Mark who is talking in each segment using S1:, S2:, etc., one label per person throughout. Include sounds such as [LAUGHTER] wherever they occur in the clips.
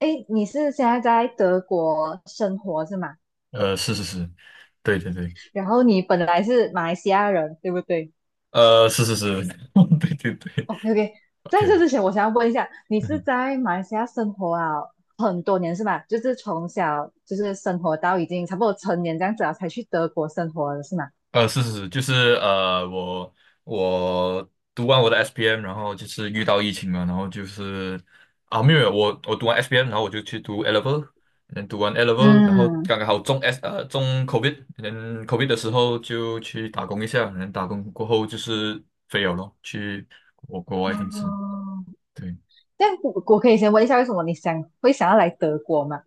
S1: 诶，你是现在在德国生活是吗？
S2: 是是是，对对对。
S1: 然后你本来是马来西亚人，对不对。
S2: 是是是，[LAUGHS] 对对对
S1: 哦 OK，在这
S2: ，OK。
S1: 之前，我想要问一下，你
S2: 嗯
S1: 是
S2: 哼。
S1: 在马来西亚生活啊很多年是吧？就是从小就是生活到已经差不多成年这样子了，才去德国生活的是吗？
S2: 是是是，就是呃，我我读完我的 SPM，然后就是遇到疫情嘛，然后就是啊，没有，没有我读完 SPM，然后我就去读 A level。嗯，读完 A level，然后
S1: 嗯。
S2: 刚刚好中 COVID。嗯，COVID 的时候就去打工一下，然后打工过后就是飞了咯，去我国国外公司。
S1: 哦，
S2: 对。
S1: 但我可以先问一下，为什么会想要来德国吗？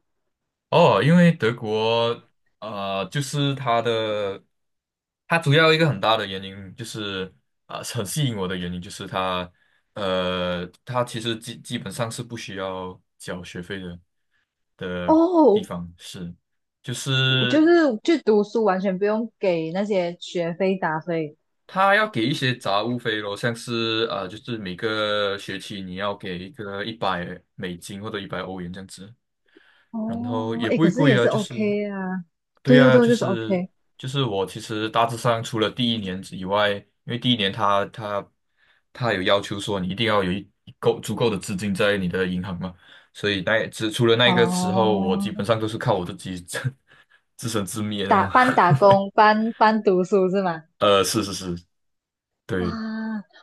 S2: 哦，因为德国，就是它的，它主要一个很大的原因就是，啊、很吸引我的原因就是它，它其实基本上是不需要缴学费的地
S1: 哦，
S2: 方，是，就
S1: 就
S2: 是
S1: 是去读书完全不用给那些学费打费。
S2: 它要给一些杂物费咯，像是啊、就是每个学期你要给一个100美金或者100欧元这样子。然后
S1: 哦，
S2: 也
S1: 哎，
S2: 不
S1: 可
S2: 会
S1: 是
S2: 贵
S1: 也
S2: 啊，
S1: 是
S2: 就是，
S1: OK 啊。
S2: 对
S1: 对哦，
S2: 啊，
S1: 对哦，
S2: 就
S1: 就是
S2: 是
S1: OK。
S2: 就是我其实大致上除了第一年以外，因为第一年他有要求说你一定要有一一够足够的资金在你的银行嘛，所以那只除了那个时候，我基
S1: 哦，
S2: 本上都是靠我自己 [LAUGHS] 自生自灭的嘛。[LAUGHS]
S1: 打工，半读书是吗？
S2: 是是是，
S1: 哇。
S2: 对。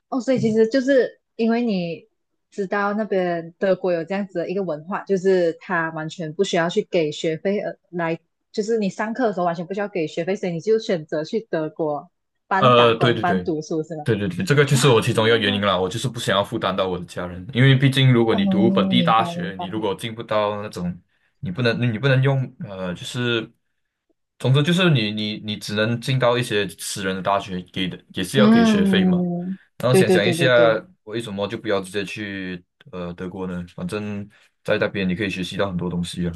S1: 哦，所以其实就是因为你知道那边德国有这样子的一个文化，就是他完全不需要去给学费而来，就是你上课的时候完全不需要给学费，所以你就选择去德国半打
S2: 对
S1: 工
S2: 对
S1: 半
S2: 对。
S1: 读书是吗？
S2: 对对对，这个就
S1: 哇
S2: 是我其中一个原因啦。我就是不想要负担到我的家人，因为毕竟如果
S1: 哦，
S2: 你读本
S1: 哦
S2: 地
S1: 明
S2: 大
S1: 白明
S2: 学，
S1: 白，
S2: 你如果进不到那种，你不能用就是，总之就是你只能进到一些私人的大学，给的也是要给学费嘛。
S1: 嗯，
S2: 然后
S1: 对
S2: 想
S1: 对
S2: 想一
S1: 对对
S2: 下，
S1: 对。
S2: 为什么就不要直接去德国呢？反正在那边你可以学习到很多东西啊。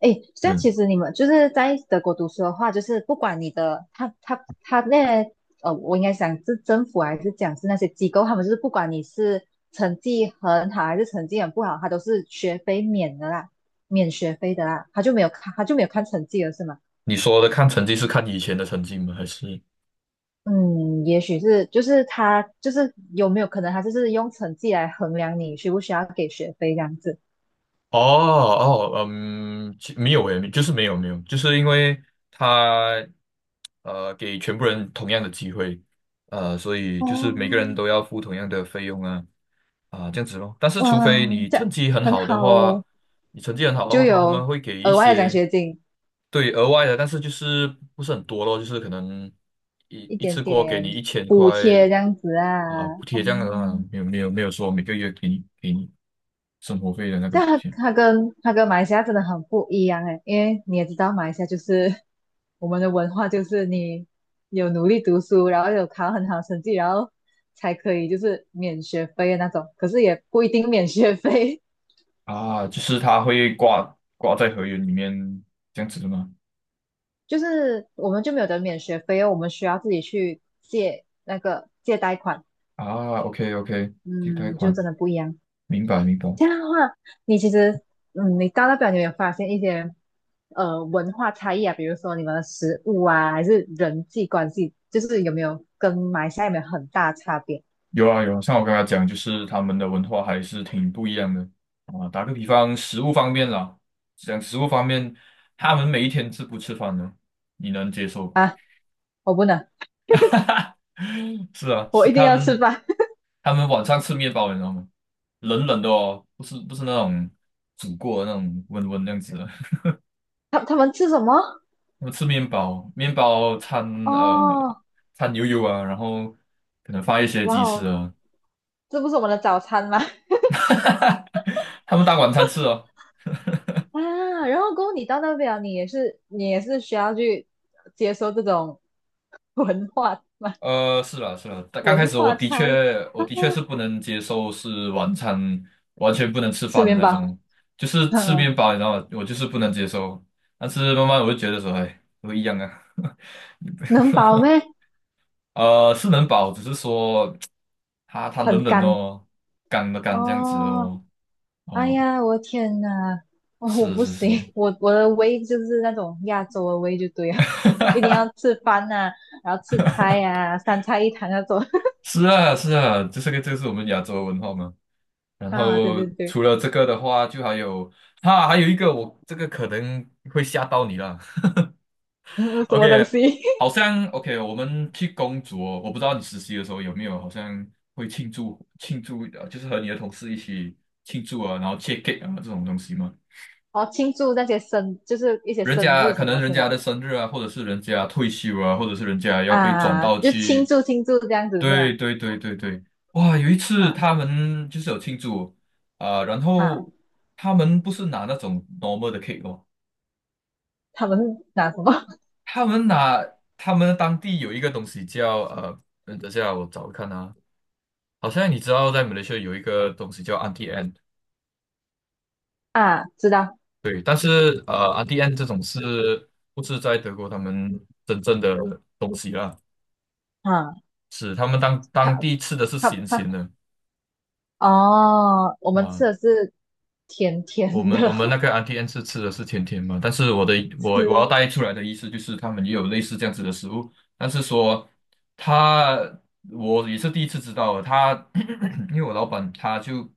S1: 诶，这样
S2: 嗯，
S1: 其实你们就是在德国读书的话，就是不管你的他那些我应该想是政府还是讲是那些机构，他们就是不管你是成绩很好还是成绩很不好，他都是学费免的啦，免学费的啦，他就没有看成绩了是吗？
S2: 你说的看成绩是看以前的成绩吗？还是？
S1: 嗯，也许是就是他就是有没有可能他就是用成绩来衡量你需不需要给学费这样子。
S2: 哦哦，嗯，没有诶，就是没有没有，就是因为他给全部人同样的机会，所以就是每个
S1: 哦，
S2: 人都要付同样的费用啊啊、这样子咯。但是
S1: 哇，
S2: 除非你
S1: 这样
S2: 成绩很
S1: 很
S2: 好的
S1: 好
S2: 话，
S1: 哦，
S2: 你成绩很好的
S1: 就
S2: 话，他后面
S1: 有
S2: 会给一
S1: 额外的奖
S2: 些
S1: 学金。
S2: 对额外的，但是就是不是很多咯，就是可能一
S1: 一
S2: 一
S1: 点
S2: 次过给
S1: 点
S2: 你一千
S1: 补
S2: 块
S1: 贴这样子啊。
S2: 啊、补贴这样的啊，
S1: 嗯，
S2: 没有没有没有说每个月给你生活费的那个
S1: 这
S2: 补
S1: 样它
S2: 贴。
S1: 它跟它跟马来西亚真的很不一样诶，因为你也知道马来西亚就是我们的文化就是你有努力读书，然后有考很好成绩，然后才可以就是免学费的那种，可是也不一定免学费。
S2: 啊，就是它会挂在合约里面这样子的吗？
S1: [LAUGHS] 就是我们就没有得免学费哦，我们需要自己去借那个借贷款。
S2: 啊，OK OK，几贷
S1: 嗯，就
S2: 款，
S1: 真的不一样。
S2: 明白明白。
S1: 这样的话，你其实，嗯，你到那边你有没有发现一些文化差异啊？比如说你们的食物啊，还是人际关系，就是有没有跟马来西亚有没有很大差别？
S2: 有啊有啊，像我刚才讲，就是他们的文化还是挺不一样的啊。打个比方，食物方面啦，讲食物方面，他们每一天吃不吃饭呢？你能接受吗？
S1: 我不能，
S2: [LAUGHS] 是啊，
S1: 我
S2: 是
S1: 一定
S2: 他
S1: 要吃
S2: 们，
S1: 饭。[LAUGHS]
S2: 他们晚上吃面包，你知道吗？冷冷的哦，不是不是那种煮过的那种温温那样子的，
S1: 他们吃什么？
S2: 我吃面包，面包呃
S1: 哦，
S2: 掺牛油啊，然后可能放一些
S1: 哇
S2: 鸡翅
S1: 哦，
S2: 啊。
S1: 这不是我们的早餐吗？[LAUGHS]
S2: [LAUGHS] 他们当晚餐吃哦。
S1: 啊，然后过后你到那边，你也是需要去接受这种 [LAUGHS] 文化嘛，
S2: 是啦是啦，但刚开
S1: 文
S2: 始我
S1: 化
S2: 的
S1: 差异，
S2: 确我的确是不能接受是晚餐完全不能吃
S1: 吃
S2: 饭的
S1: 面
S2: 那
S1: 包，
S2: 种，就
S1: [LAUGHS]
S2: 是吃
S1: 嗯，
S2: 面包，你知道吗？我就是不能接受。但是慢慢我就觉得说，哎，都一样啊。
S1: 能饱咩？
S2: 是能饱，只是说它冷
S1: 很
S2: 冷
S1: 干
S2: 哦，干这样子
S1: 哦，
S2: 哦。
S1: 哎
S2: 哦，
S1: 呀，我天呐。哦，我
S2: 是
S1: 不
S2: 是是。
S1: 行，我的胃就是那种亚洲的胃就对了，[LAUGHS] 一定要吃饭呐、然后吃菜呀、三菜一汤那种。 [LAUGHS]
S2: 是啊，是啊，这是我们亚洲文化嘛。然
S1: 啊，对
S2: 后
S1: 对对，
S2: 除了这个的话，就还有哈，还有一个我这个可能会吓到你了。[LAUGHS]
S1: [LAUGHS] 什么东
S2: OK，
S1: 西？
S2: 好
S1: [LAUGHS]
S2: 像 OK。我们去工作，我不知道你实习的时候有没有，好像会庆祝庆祝，就是和你的同事一起庆祝啊，然后切 cake 啊这种东西嘛。
S1: 哦，庆祝那些就是一些
S2: 人
S1: 生
S2: 家
S1: 日
S2: 可
S1: 什
S2: 能
S1: 么
S2: 人
S1: 是吗？
S2: 家的生日啊，或者是人家退休啊，或者是人家要被转
S1: 啊，
S2: 到
S1: 就庆
S2: 去
S1: 祝庆祝这样子是吗？
S2: 对对对对对。哇！有一次
S1: 哈
S2: 他们就是有庆祝啊、然
S1: 哈，
S2: 后他们不是拿那种 normal 的 cake 哦，
S1: 他们是拿什么？
S2: 他们拿他们当地有一个东西叫嗯等下我找看啊。好像你知道在马来西亚有一个东西叫 a n t i e n n e。
S1: [LAUGHS] 啊？知道
S2: 对。但是a n t i e n n e 这种是不是在德国他们真正的东西啦？
S1: 啊，
S2: 是他们当当
S1: 他
S2: 地吃的是
S1: 他
S2: 咸
S1: 他
S2: 咸的
S1: 哦，我们
S2: 啊。
S1: 吃的是甜
S2: 我
S1: 甜
S2: 们
S1: 的
S2: 我们那个 a u n t e n 是吃的是甜甜嘛。但是我的
S1: [LAUGHS]
S2: 我我要
S1: 吃。
S2: 带出来的意思就是他们也有类似这样子的食物，但是说他我也是第一次知道他 [COUGHS] [CLEARS THROAT] 因为我老板他就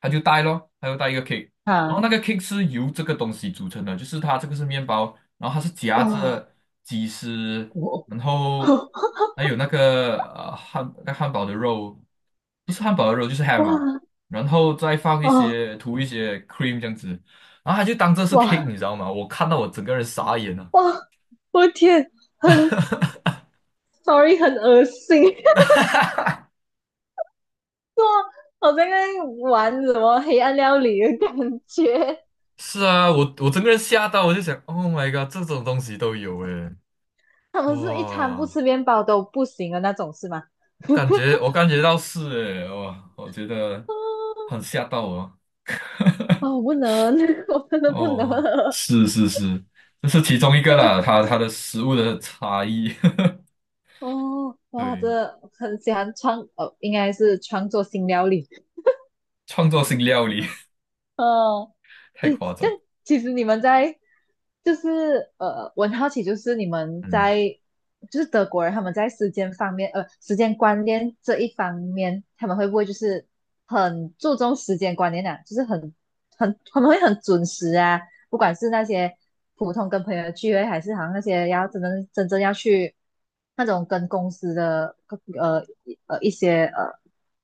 S2: 他就带咯，他就带一个 cake，然后
S1: 啊。
S2: 那个 cake 是由这个东西组成的，就是它这个是面包，然后它是夹
S1: 哦，
S2: 着鸡丝，
S1: 我
S2: 然后
S1: [LAUGHS]
S2: 还有那个那个汉堡的肉，不是汉堡的肉就是 ham 啊，
S1: 哇
S2: 然后再放一
S1: 哦
S2: 些涂一些 cream 这样子，然后他就当这是 cake，
S1: 哇
S2: 你知道吗？我看到我整个人傻眼了。
S1: 哇！我天，很 sorry，很恶心，[LAUGHS] 哇，我在那里玩什么黑暗料理的感觉。
S2: 是啊，我整个人吓到，我就想，Oh my god，这种东西都有诶，
S1: [LAUGHS] 他们是一餐不
S2: 哇！
S1: 吃面包都不行的那种，是吗？
S2: 感觉
S1: [LAUGHS]
S2: 我感觉到是诶，哇，我觉得很吓到我。[LAUGHS]
S1: 哦，我不能，[LAUGHS] 我真的不能。
S2: 哦，是是是，这是其中一个啦，它的食物的差异。
S1: 哦，
S2: [LAUGHS]
S1: 哇，
S2: 对，
S1: 这很喜欢哦，应该是创作新料理。
S2: 创作性料理。
S1: [LAUGHS] 哦。
S2: [LAUGHS] 太
S1: 诶，
S2: 夸
S1: 但
S2: 张。
S1: 其实你们在就是我很好奇，就是你们
S2: 嗯。
S1: 在就是德国人他们在时间方面，时间观念这一方面，他们会不会就是很注重时间观念啊？就是他们会很准时啊？不管是那些普通跟朋友的聚会，还是好像那些要真正要去那种跟公司的呃一些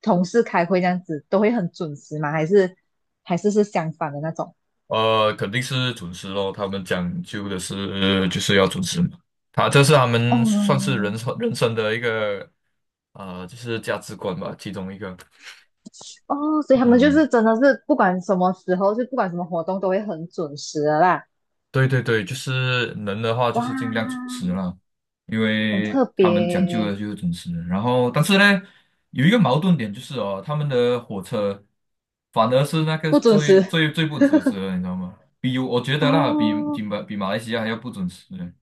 S1: 同事开会这样子，都会很准时吗？还是是相反的那种？
S2: 肯定是准时咯，他们讲究的是就是要准时嘛。他这是他们算是
S1: 哦
S2: 人生的一个就是价值观吧，其中一个。
S1: 哦，所以他们就
S2: 嗯、
S1: 是真的是不管什么时候，就不管什么活动都会很准时的啦。
S2: 对对对，就是能的话，就
S1: 哇，
S2: 是尽量准时了，因
S1: 很
S2: 为
S1: 特
S2: 他们讲究的
S1: 别，
S2: 就是准时。然后，但是呢，有一个矛盾点就是哦，他们的火车反而是那个
S1: 不准
S2: 最
S1: 时
S2: 最最不准时的，你知道吗？比我觉得啦，比
S1: 哦
S2: 比马比马来西亚还要不准时呢。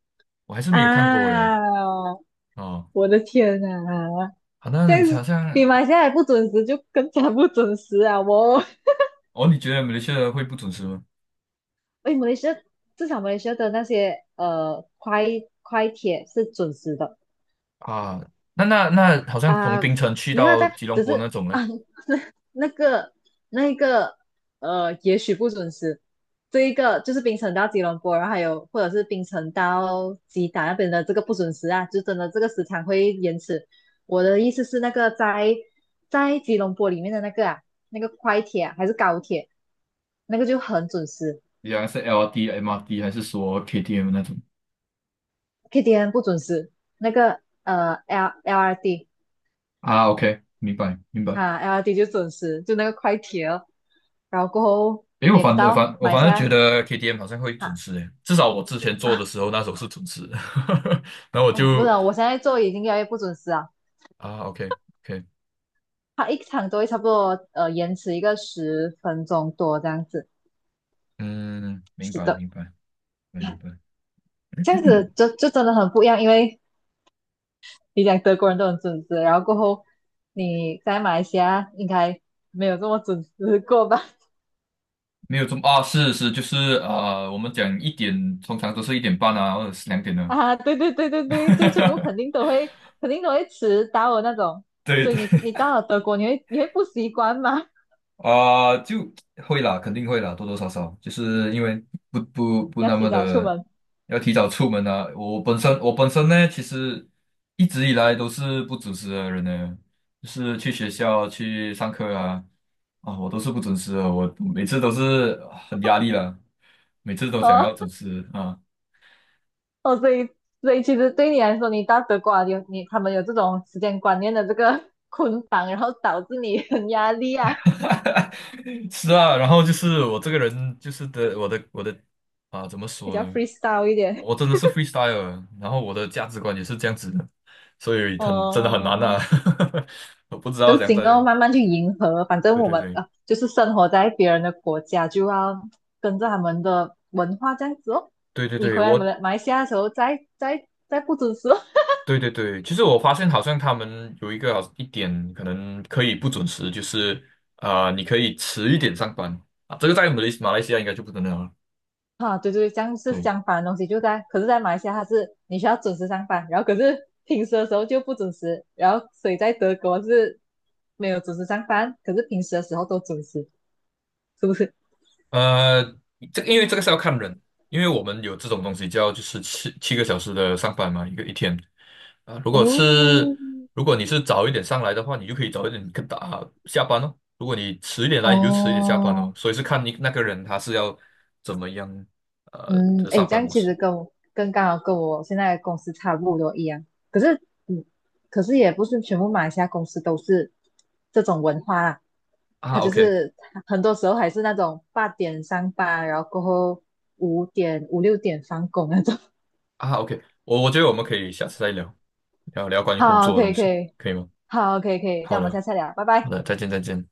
S2: 我还是没有看过诶。
S1: 啊！
S2: 哦，
S1: 我的天啊，
S2: 好
S1: 这
S2: 像
S1: 样
S2: 好
S1: 子比
S2: 像
S1: 马来西亚还不准时，就更加不准时啊！
S2: 哦。你觉得马来西亚会不准时吗？
S1: 哎，马来西亚至少马来西亚的那些快铁是准时的。
S2: 啊。那好像从
S1: 啊，
S2: 槟城去
S1: 没有
S2: 到
S1: 在，
S2: 吉隆
S1: 只
S2: 坡那
S1: 是
S2: 种嘞。
S1: 啊，[LAUGHS] 那那个那个也许不准时。这一个就是冰城到吉隆坡，然后还有或者是冰城到吉打那边的这个不准时啊，就真的这个时长会延迟。我的意思是那个在吉隆坡里面的那个啊，那个快铁啊还是高铁，那个就很准时。
S2: 你讲是 LRT、MRD 还是说 KTM 那种？
S1: KTN 不准时，那个LRD
S2: 啊，OK，明白明白。
S1: 哈、LRD 就准时，就那个快铁哦。然后过后
S2: 因为
S1: 你
S2: 我
S1: 也知
S2: 反正
S1: 道，
S2: 反我
S1: 马来
S2: 反
S1: 西
S2: 正觉
S1: 亚
S2: 得 KTM 好像会准
S1: 哈。
S2: 时诶，至少我之前做的
S1: 啊，
S2: 时候那时候是准时的。[LAUGHS] 然后我
S1: 我不知
S2: 就
S1: 道，我现在做已经越来越不准时啊，
S2: 啊，OK OK。
S1: 它一场都会差不多延迟一个10分钟多这样子。
S2: 嗯，明
S1: 是
S2: 白
S1: 的，
S2: 明白明白。[COUGHS]
S1: 这样
S2: [CLEARS THROAT]
S1: 子就真的很不一样，因为你讲德国人都很准时，然后过后你在马来西亚应该没有这么准时过吧？
S2: 没有这么啊。是就是啊、我们讲一点通常都是1点半啊，或者是2点
S1: [LAUGHS]
S2: 呢、
S1: 啊，对对对对对，就全部肯
S2: [LAUGHS]
S1: 定都会肯定都会迟到的那种。
S2: 对
S1: 所以
S2: 对。
S1: 你到了德国，你会不习惯吗？
S2: 啊、就会啦，肯定会啦，多多少少，就是因为不不
S1: [LAUGHS]
S2: 不
S1: 要
S2: 那
S1: 提
S2: 么
S1: 早出
S2: 的
S1: 门
S2: 要提早出门啊。我本身呢，其实一直以来都是不准时的人呢，就是去学校去上课啊啊，我都是不准时的，我每次都是啊很压力啦，每次都想要准
S1: 哦。
S2: 时啊。
S1: 哦，所以其实对你来说，你到德国啊他们有这种时间观念的这个 [LAUGHS] 捆绑，然后导致你很压力啊，
S2: [LAUGHS] 是啊，然后就是我这个人就是的，我的我的啊，怎么
S1: 比
S2: 说
S1: 较
S2: 呢？
S1: freestyle 一点。
S2: 我真的是 freestyle，的然后我的价值观也是这样子的。所以很真的很难啊。
S1: 哦，
S2: [LAUGHS] 我不知道
S1: 就
S2: 怎样
S1: 尽
S2: 在，
S1: 量慢慢去迎合，反正
S2: 对
S1: 我
S2: 对
S1: 们
S2: 对
S1: 啊就是生活在别人的国家，就要跟着他们的文化这样子哦。
S2: 对对
S1: 你
S2: 对，
S1: 回来马
S2: 我
S1: 来马来西亚的时候再不准时哦。
S2: 对对对。其实我发现好像他们有一个好一点可能可以不准时，就是啊、你可以迟一点上班啊，这个在马来西亚应该就不能了。
S1: 啊，对对，这样是
S2: 对。
S1: 相反的东西，就在，可是，在马来西亚它是你需要准时上班，然后可是平时的时候就不准时，然后所以在德国是没有准时上班，可是平时的时候都准时，是不是？
S2: 呃，这因为这个是要看人，因为我们有这种东西叫就是七个小时的上班嘛，一天。啊，
S1: 哦，
S2: 如果你是早一点上来的话，你就可以早一点跟打下班哦。如果你迟一点来，你就迟一点下班哦。
S1: 哦，
S2: 所以是看你那个人他是要怎么样
S1: 嗯，
S2: 的
S1: 哎，
S2: 上
S1: 这
S2: 班
S1: 样
S2: 模
S1: 其
S2: 式
S1: 实跟我跟刚好跟我现在的公司差不多一样。可是，嗯，可是也不是全部马来西亚公司都是这种文化啦，它
S2: 啊。
S1: 就
S2: OK
S1: 是很多时候还是那种8点上班，然后过后5、6点放工那种。[LAUGHS]
S2: 啊，OK，我觉得我们可以下次再聊聊关于工
S1: 好，
S2: 作的
S1: 可
S2: 东
S1: 以可
S2: 西，
S1: 以，
S2: 可以吗？
S1: 好，可以可以，这
S2: 好
S1: 样我们
S2: 的，
S1: 下次再聊，拜
S2: 好
S1: 拜。
S2: 的，再见再见。